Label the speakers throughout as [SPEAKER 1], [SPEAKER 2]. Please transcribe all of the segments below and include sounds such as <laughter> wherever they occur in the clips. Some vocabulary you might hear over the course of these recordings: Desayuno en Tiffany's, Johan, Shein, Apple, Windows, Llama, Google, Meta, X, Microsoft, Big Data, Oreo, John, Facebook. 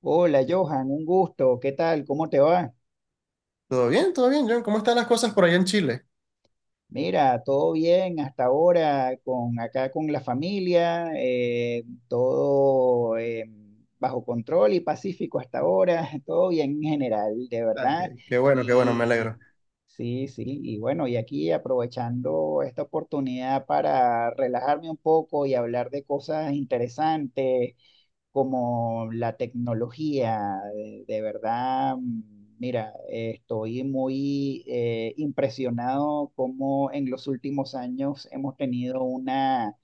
[SPEAKER 1] Hola Johan, un gusto, ¿qué tal? ¿Cómo te va?
[SPEAKER 2] Todo bien, John. ¿Cómo están las cosas por allá en Chile?
[SPEAKER 1] Mira, todo bien hasta ahora, con acá con la familia, todo bajo control y pacífico hasta ahora, <laughs> todo bien en general, de
[SPEAKER 2] Ah,
[SPEAKER 1] verdad.
[SPEAKER 2] qué bueno, qué bueno, me
[SPEAKER 1] Y
[SPEAKER 2] alegro.
[SPEAKER 1] sí, sí, y bueno, y aquí aprovechando esta oportunidad para relajarme un poco y hablar de cosas interesantes como la tecnología, de verdad. Mira, estoy muy impresionado cómo en los últimos años hemos tenido una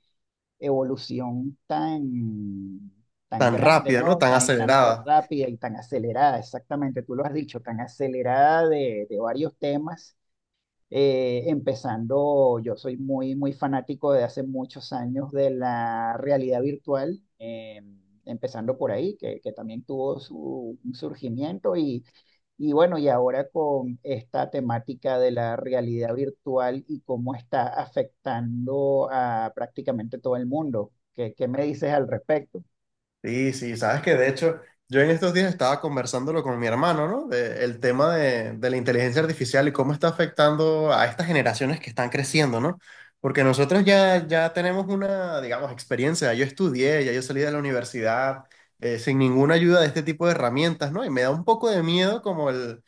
[SPEAKER 1] evolución tan, tan
[SPEAKER 2] Tan
[SPEAKER 1] grande,
[SPEAKER 2] rápida, ¿no?
[SPEAKER 1] ¿no?
[SPEAKER 2] Tan
[SPEAKER 1] Tan, y tan
[SPEAKER 2] acelerada.
[SPEAKER 1] rápida y tan acelerada, exactamente, tú lo has dicho, tan acelerada de varios temas, yo soy muy, muy fanático de hace muchos años de la realidad virtual, empezando por ahí, que también tuvo su un surgimiento Y bueno, y ahora con esta temática de la realidad virtual y cómo está afectando a prácticamente todo el mundo. ¿Qué, qué me dices al respecto?
[SPEAKER 2] Sí, sí, sabes que de hecho yo en estos días estaba conversándolo con mi hermano, ¿no? El tema de la inteligencia artificial y cómo está afectando a estas generaciones que están creciendo, ¿no? Porque nosotros ya, tenemos una, digamos, experiencia. Yo estudié, ya yo salí de la universidad sin ninguna ayuda de este tipo de herramientas, ¿no? Y me da un poco de miedo como el,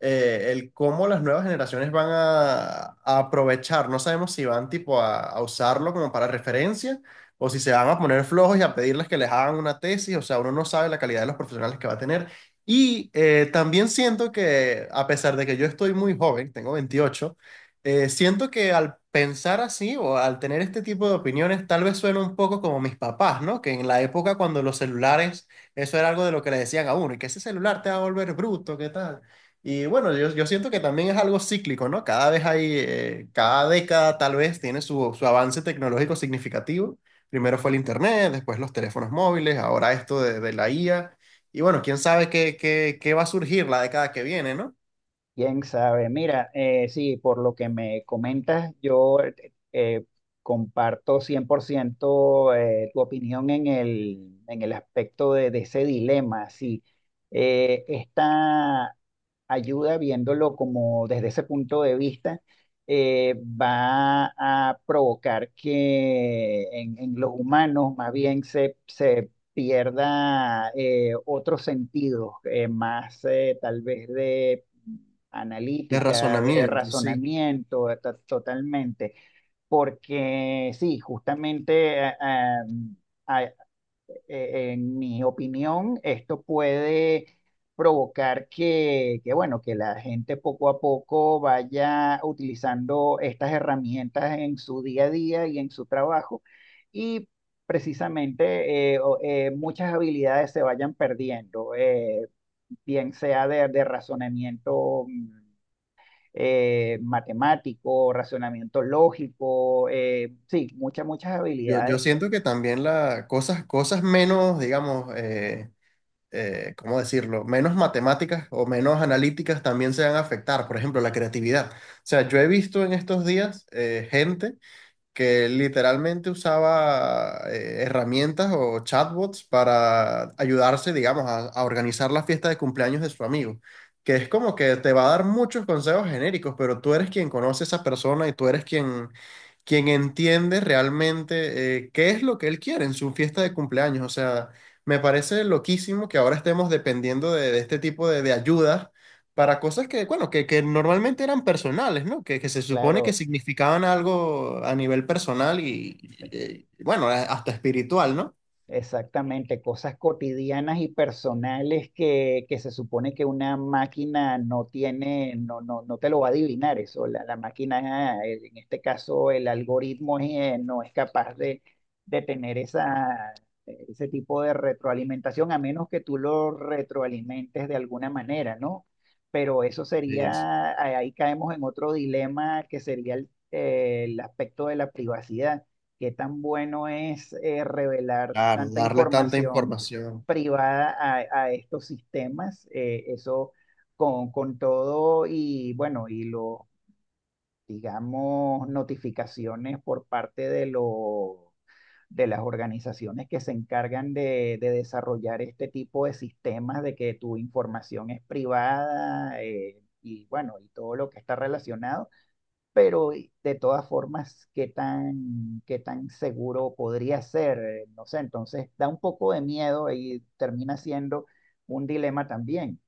[SPEAKER 2] eh, el cómo las nuevas generaciones van a aprovechar. No sabemos si van tipo a usarlo como para referencia, o si se van a poner flojos y a pedirles que les hagan una tesis. O sea, uno no sabe la calidad de los profesionales que va a tener. Y también siento que, a pesar de que yo estoy muy joven, tengo 28, siento que al pensar así o al tener este tipo de opiniones, tal vez suena un poco como mis papás, ¿no? Que en la época cuando los celulares, eso era algo de lo que le decían a uno, y que ese celular te va a volver bruto, ¿qué tal? Y bueno, yo siento que también es algo cíclico, ¿no? Cada vez cada década tal vez tiene su avance tecnológico significativo. Primero fue el internet, después los teléfonos móviles, ahora esto de la IA. Y bueno, quién sabe qué va a surgir la década que viene, ¿no?
[SPEAKER 1] Quién sabe. Mira, sí, por lo que me comentas, yo comparto 100% tu opinión en el aspecto de ese dilema. Sí. Esta ayuda, viéndolo como desde ese punto de vista, va a provocar que en los humanos más bien se pierda, otros sentidos, más, tal vez de
[SPEAKER 2] De
[SPEAKER 1] analítica, de
[SPEAKER 2] razonamiento, sí.
[SPEAKER 1] razonamiento, totalmente. Porque sí, justamente eh, en mi opinión, esto puede provocar que, bueno, que la gente poco a poco vaya utilizando estas herramientas en su día a día y en su trabajo, y precisamente, muchas habilidades se vayan perdiendo, bien sea de razonamiento, matemático, razonamiento lógico, sí, muchas, muchas
[SPEAKER 2] Yo
[SPEAKER 1] habilidades.
[SPEAKER 2] siento que también cosas menos, digamos, ¿cómo decirlo? Menos matemáticas o menos analíticas también se van a afectar. Por ejemplo, la creatividad. O sea, yo he visto en estos días gente que literalmente usaba herramientas o chatbots para ayudarse, digamos, a organizar la fiesta de cumpleaños de su amigo. Que es como que te va a dar muchos consejos genéricos, pero tú eres quien conoce a esa persona y tú eres quien entiende realmente qué es lo que él quiere en su fiesta de cumpleaños. O sea, me parece loquísimo que ahora estemos dependiendo de este tipo de ayudas para cosas que, bueno, que normalmente eran personales, ¿no? Que se supone que
[SPEAKER 1] Claro.
[SPEAKER 2] significaban algo a nivel personal y, bueno, hasta espiritual, ¿no?
[SPEAKER 1] Exactamente, cosas cotidianas y personales que se supone que una máquina no tiene, no, no, no te lo va a adivinar eso. La máquina, en este caso, el algoritmo, no es capaz de tener ese tipo de retroalimentación, a menos que tú lo retroalimentes de alguna manera, ¿no? Pero eso
[SPEAKER 2] Sí, sí,
[SPEAKER 1] sería, ahí caemos en otro dilema, que sería el aspecto de la privacidad. ¿Qué tan bueno es, revelar
[SPEAKER 2] claro,
[SPEAKER 1] tanta
[SPEAKER 2] darle tanta
[SPEAKER 1] información
[SPEAKER 2] información.
[SPEAKER 1] privada a estos sistemas? Eso, con todo, y bueno, y lo, digamos, notificaciones por parte de las organizaciones que se encargan de desarrollar este tipo de sistemas, de que tu información es privada, y bueno, y todo lo que está relacionado, pero, de todas formas, qué tan seguro podría ser? No sé. Entonces da un poco de miedo y termina siendo un dilema también.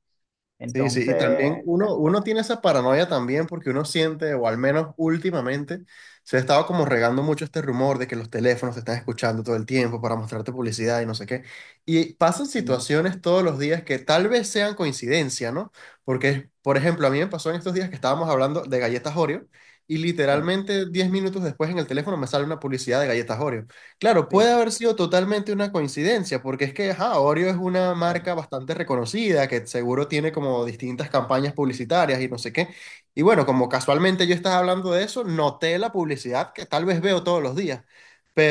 [SPEAKER 2] Sí, sí, y también
[SPEAKER 1] Entonces,
[SPEAKER 2] uno tiene esa paranoia también, porque uno siente, o al menos últimamente, se ha estado como regando mucho este rumor de que los teléfonos te están escuchando todo el tiempo para mostrarte publicidad y no sé qué. Y pasan
[SPEAKER 1] mm,
[SPEAKER 2] situaciones todos los días que tal vez sean coincidencia, ¿no? Porque, por ejemplo, a mí me pasó en estos días que estábamos hablando de galletas Oreo, y
[SPEAKER 1] sí,
[SPEAKER 2] literalmente 10 minutos después en el teléfono me sale una publicidad de galletas Oreo. Claro, puede
[SPEAKER 1] sí,
[SPEAKER 2] haber sido totalmente una coincidencia, porque es que ajá, Oreo es una
[SPEAKER 1] claro,
[SPEAKER 2] marca bastante reconocida, que seguro tiene como distintas campañas publicitarias y no sé qué. Y bueno, como casualmente yo estaba hablando de eso, noté la publicidad que tal vez veo todos los días.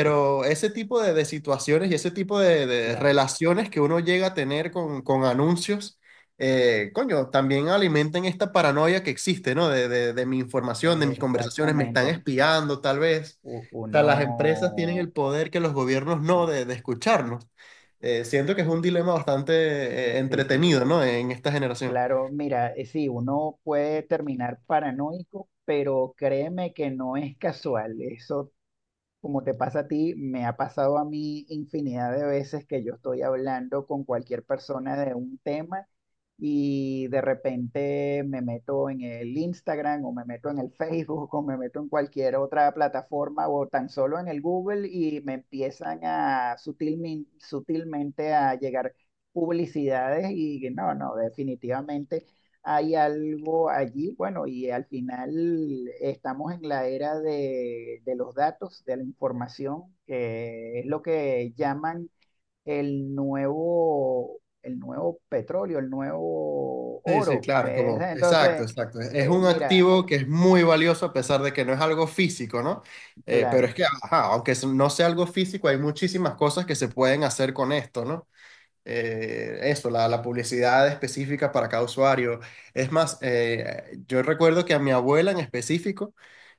[SPEAKER 1] sí,
[SPEAKER 2] ese tipo de situaciones y ese tipo de
[SPEAKER 1] claro,
[SPEAKER 2] relaciones que uno llega a tener con anuncios, coño, también alimentan esta paranoia que existe, ¿no? De, de mi información, de mis conversaciones, me están
[SPEAKER 1] exactamente.
[SPEAKER 2] espiando tal vez,
[SPEAKER 1] U-
[SPEAKER 2] sea,
[SPEAKER 1] Uno,
[SPEAKER 2] las empresas tienen el poder que los gobiernos no
[SPEAKER 1] sí,
[SPEAKER 2] de escucharnos. Siento que es un dilema bastante
[SPEAKER 1] sí, sí,
[SPEAKER 2] entretenido, ¿no? En esta generación.
[SPEAKER 1] claro. Mira, sí, uno puede terminar paranoico, pero créeme que no es casual, eso. Como te pasa a ti, me ha pasado a mí infinidad de veces que yo estoy hablando con cualquier persona de un tema, y de repente me meto en el Instagram, o me meto en el Facebook, o me meto en cualquier otra plataforma, o tan solo en el Google, y me empiezan a sutilmente a llegar publicidades, y no, no, definitivamente hay algo allí. Bueno, y al final estamos en la era de los datos, de la información, que es lo que llaman el nuevo petróleo, el nuevo
[SPEAKER 2] Sí, sí,
[SPEAKER 1] oro.
[SPEAKER 2] claro, como,
[SPEAKER 1] <laughs>
[SPEAKER 2] exacto,
[SPEAKER 1] Entonces,
[SPEAKER 2] exacto. Es un
[SPEAKER 1] mira,
[SPEAKER 2] activo que es muy valioso a pesar de que no es algo físico, ¿no? Pero es
[SPEAKER 1] claro,
[SPEAKER 2] que, ajá, aunque eso no sea algo físico, hay muchísimas cosas que se pueden hacer con esto, ¿no? Eso, la publicidad específica para cada usuario. Es más, yo recuerdo que a mi abuela en específico,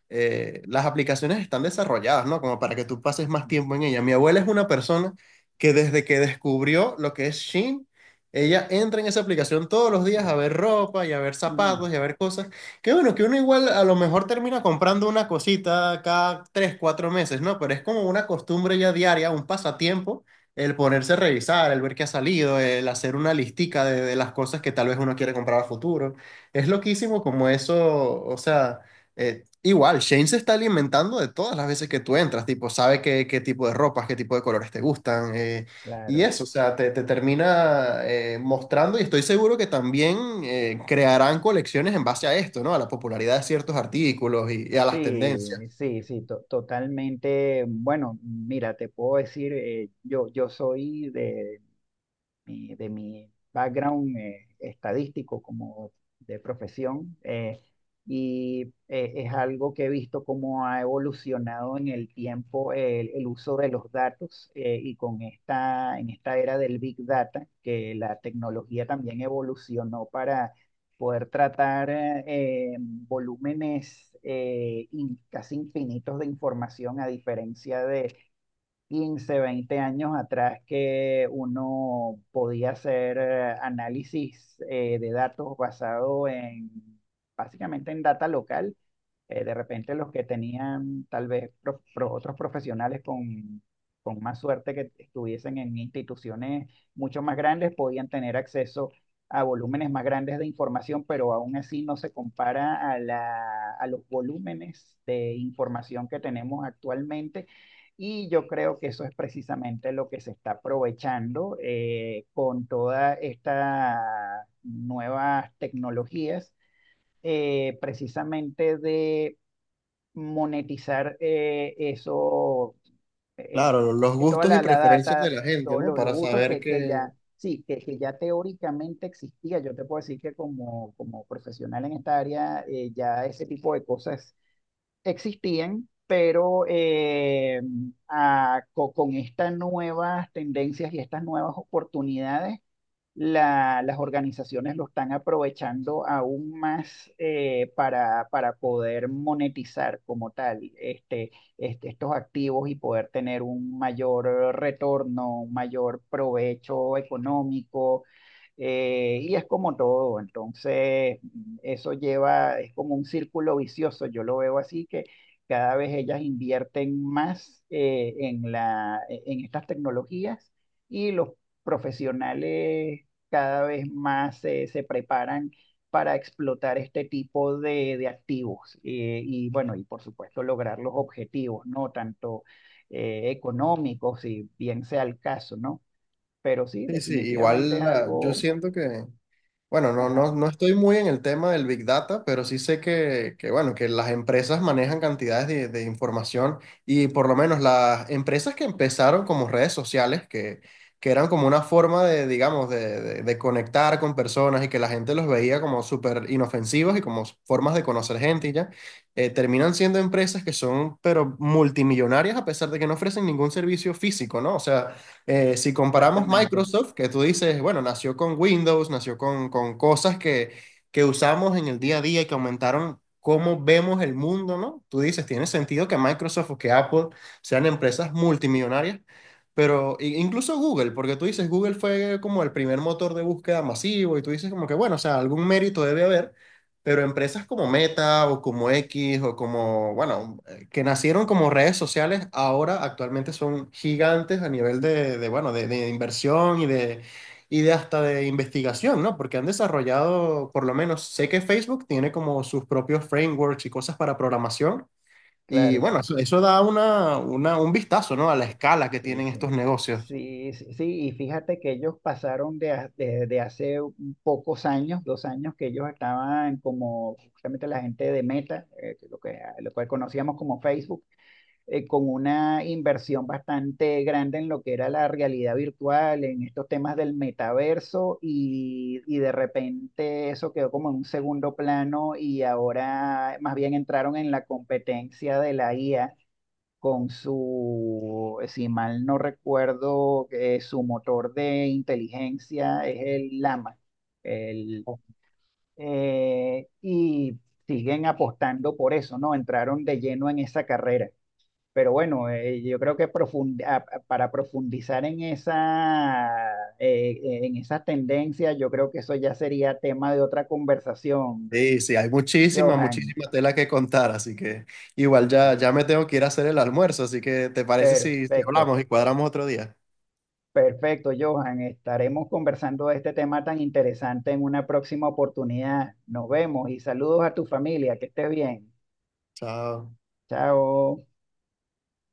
[SPEAKER 2] las aplicaciones están desarrolladas, ¿no? Como para que tú pases más tiempo en ella. Mi abuela es una persona que, desde que descubrió lo que es Shein, ella entra en esa aplicación todos los días a ver ropa y a ver
[SPEAKER 1] ujú,
[SPEAKER 2] zapatos y a ver cosas. Que bueno, que uno igual a lo mejor termina comprando una cosita cada 3, 4 meses, ¿no? Pero es como una costumbre ya diaria, un pasatiempo. El ponerse a revisar, el ver qué ha salido, el hacer una listica de las cosas que tal vez uno quiere comprar a futuro. Es loquísimo como eso. O sea, igual, Shane se está alimentando de todas las veces que tú entras, tipo, sabe qué, qué tipo de colores te gustan. Y
[SPEAKER 1] claro.
[SPEAKER 2] eso, o sea, te termina mostrando, y estoy seguro que también crearán colecciones en base a esto, ¿no? A la popularidad de ciertos artículos y a las tendencias.
[SPEAKER 1] Sí, sí, sí, totalmente. Bueno, mira, te puedo decir, yo soy de mi background, estadístico, como de profesión. Y es algo que he visto cómo ha evolucionado en el tiempo el uso de los datos, y con esta, en esta era del Big Data, que la tecnología también evolucionó para poder tratar, volúmenes, casi infinitos de información, a diferencia de 15 20 años atrás, que uno podía hacer, análisis, de datos basado en, básicamente en data local. De repente los que tenían tal vez otros profesionales con más suerte, que estuviesen en instituciones mucho más grandes, podían tener acceso a volúmenes más grandes de información, pero aún así no se compara a a los volúmenes de información que tenemos actualmente. Y yo creo que eso es precisamente lo que se está aprovechando, con todas estas nuevas tecnologías, precisamente de monetizar, eso, eh,
[SPEAKER 2] Claro, los
[SPEAKER 1] toda
[SPEAKER 2] gustos y
[SPEAKER 1] la
[SPEAKER 2] preferencias de
[SPEAKER 1] data,
[SPEAKER 2] la gente,
[SPEAKER 1] todos
[SPEAKER 2] ¿no?
[SPEAKER 1] los
[SPEAKER 2] Para
[SPEAKER 1] usos
[SPEAKER 2] saber
[SPEAKER 1] que,
[SPEAKER 2] que...
[SPEAKER 1] sí, que ya teóricamente existía. Yo te puedo decir que como, como profesional en esta área, ya ese tipo de cosas existían, pero, con estas nuevas tendencias y estas nuevas oportunidades, las organizaciones lo están aprovechando aún más, para poder monetizar como tal, este, estos activos, y poder tener un mayor retorno, un mayor provecho económico. Y es como todo, entonces, eso lleva, es como un círculo vicioso, yo lo veo así, que cada vez ellas invierten más, en estas tecnologías, y los profesionales cada vez más, se preparan para explotar este tipo de activos. Y bueno, y por supuesto lograr los objetivos, ¿no? Tanto, económicos, si bien sea el caso, ¿no? Pero sí,
[SPEAKER 2] Sí, sí,
[SPEAKER 1] definitivamente es
[SPEAKER 2] igual yo
[SPEAKER 1] algo,
[SPEAKER 2] siento que... Bueno, no,
[SPEAKER 1] ajá,
[SPEAKER 2] no, no estoy muy en el tema del Big Data, pero sí sé que, bueno, que las empresas manejan cantidades de información. Y por lo menos las empresas que empezaron como redes sociales, que eran como una forma de, digamos, de conectar con personas y que la gente los veía como súper inofensivos y como formas de conocer gente y ya, terminan siendo empresas que son, pero, multimillonarias, a pesar de que no ofrecen ningún servicio físico, ¿no? O sea... Si comparamos
[SPEAKER 1] exactamente,
[SPEAKER 2] Microsoft, que tú dices, bueno, nació con Windows, nació con cosas que usamos en el día a día y que aumentaron cómo vemos el mundo, ¿no? Tú dices, tiene sentido que Microsoft o que Apple sean empresas multimillonarias. Pero incluso Google, porque tú dices, Google fue como el primer motor de búsqueda masivo, y tú dices como que, bueno, o sea, algún mérito debe haber. Pero empresas como Meta o como X o como, bueno, que nacieron como redes sociales, ahora actualmente son gigantes a nivel de, bueno, de inversión y de hasta de investigación, ¿no? Porque han desarrollado, por lo menos, sé que Facebook tiene como sus propios frameworks y cosas para programación. Y
[SPEAKER 1] claro,
[SPEAKER 2] bueno, eso, da una, un vistazo, ¿no? A la escala que
[SPEAKER 1] sí,
[SPEAKER 2] tienen estos
[SPEAKER 1] sí.
[SPEAKER 2] negocios.
[SPEAKER 1] Sí, sí, sí, y fíjate que ellos pasaron de, de hace un pocos años, dos años, que ellos estaban, como justamente la gente de Meta, que lo que, conocíamos como Facebook, con una inversión bastante grande en lo que era la realidad virtual, en estos temas del metaverso, y de repente eso quedó como en un segundo plano, y ahora más bien entraron en la competencia de la IA, con su, si mal no recuerdo, su motor de inteligencia, es el Llama. El, y siguen apostando por eso, ¿no? Entraron de lleno en esa carrera. Pero bueno, yo creo que para profundizar en esa tendencia, yo creo que eso ya sería tema de otra conversación,
[SPEAKER 2] Sí, sí, hay muchísima,
[SPEAKER 1] Johan.
[SPEAKER 2] muchísima tela que contar, así que igual ya,
[SPEAKER 1] Sí.
[SPEAKER 2] me tengo que ir a hacer el almuerzo, así que ¿te parece si,
[SPEAKER 1] Perfecto,
[SPEAKER 2] hablamos y cuadramos otro día?
[SPEAKER 1] perfecto, Johan. Estaremos conversando de este tema tan interesante en una próxima oportunidad. Nos vemos y saludos a tu familia. Que estés bien.
[SPEAKER 2] Chao.
[SPEAKER 1] Chao.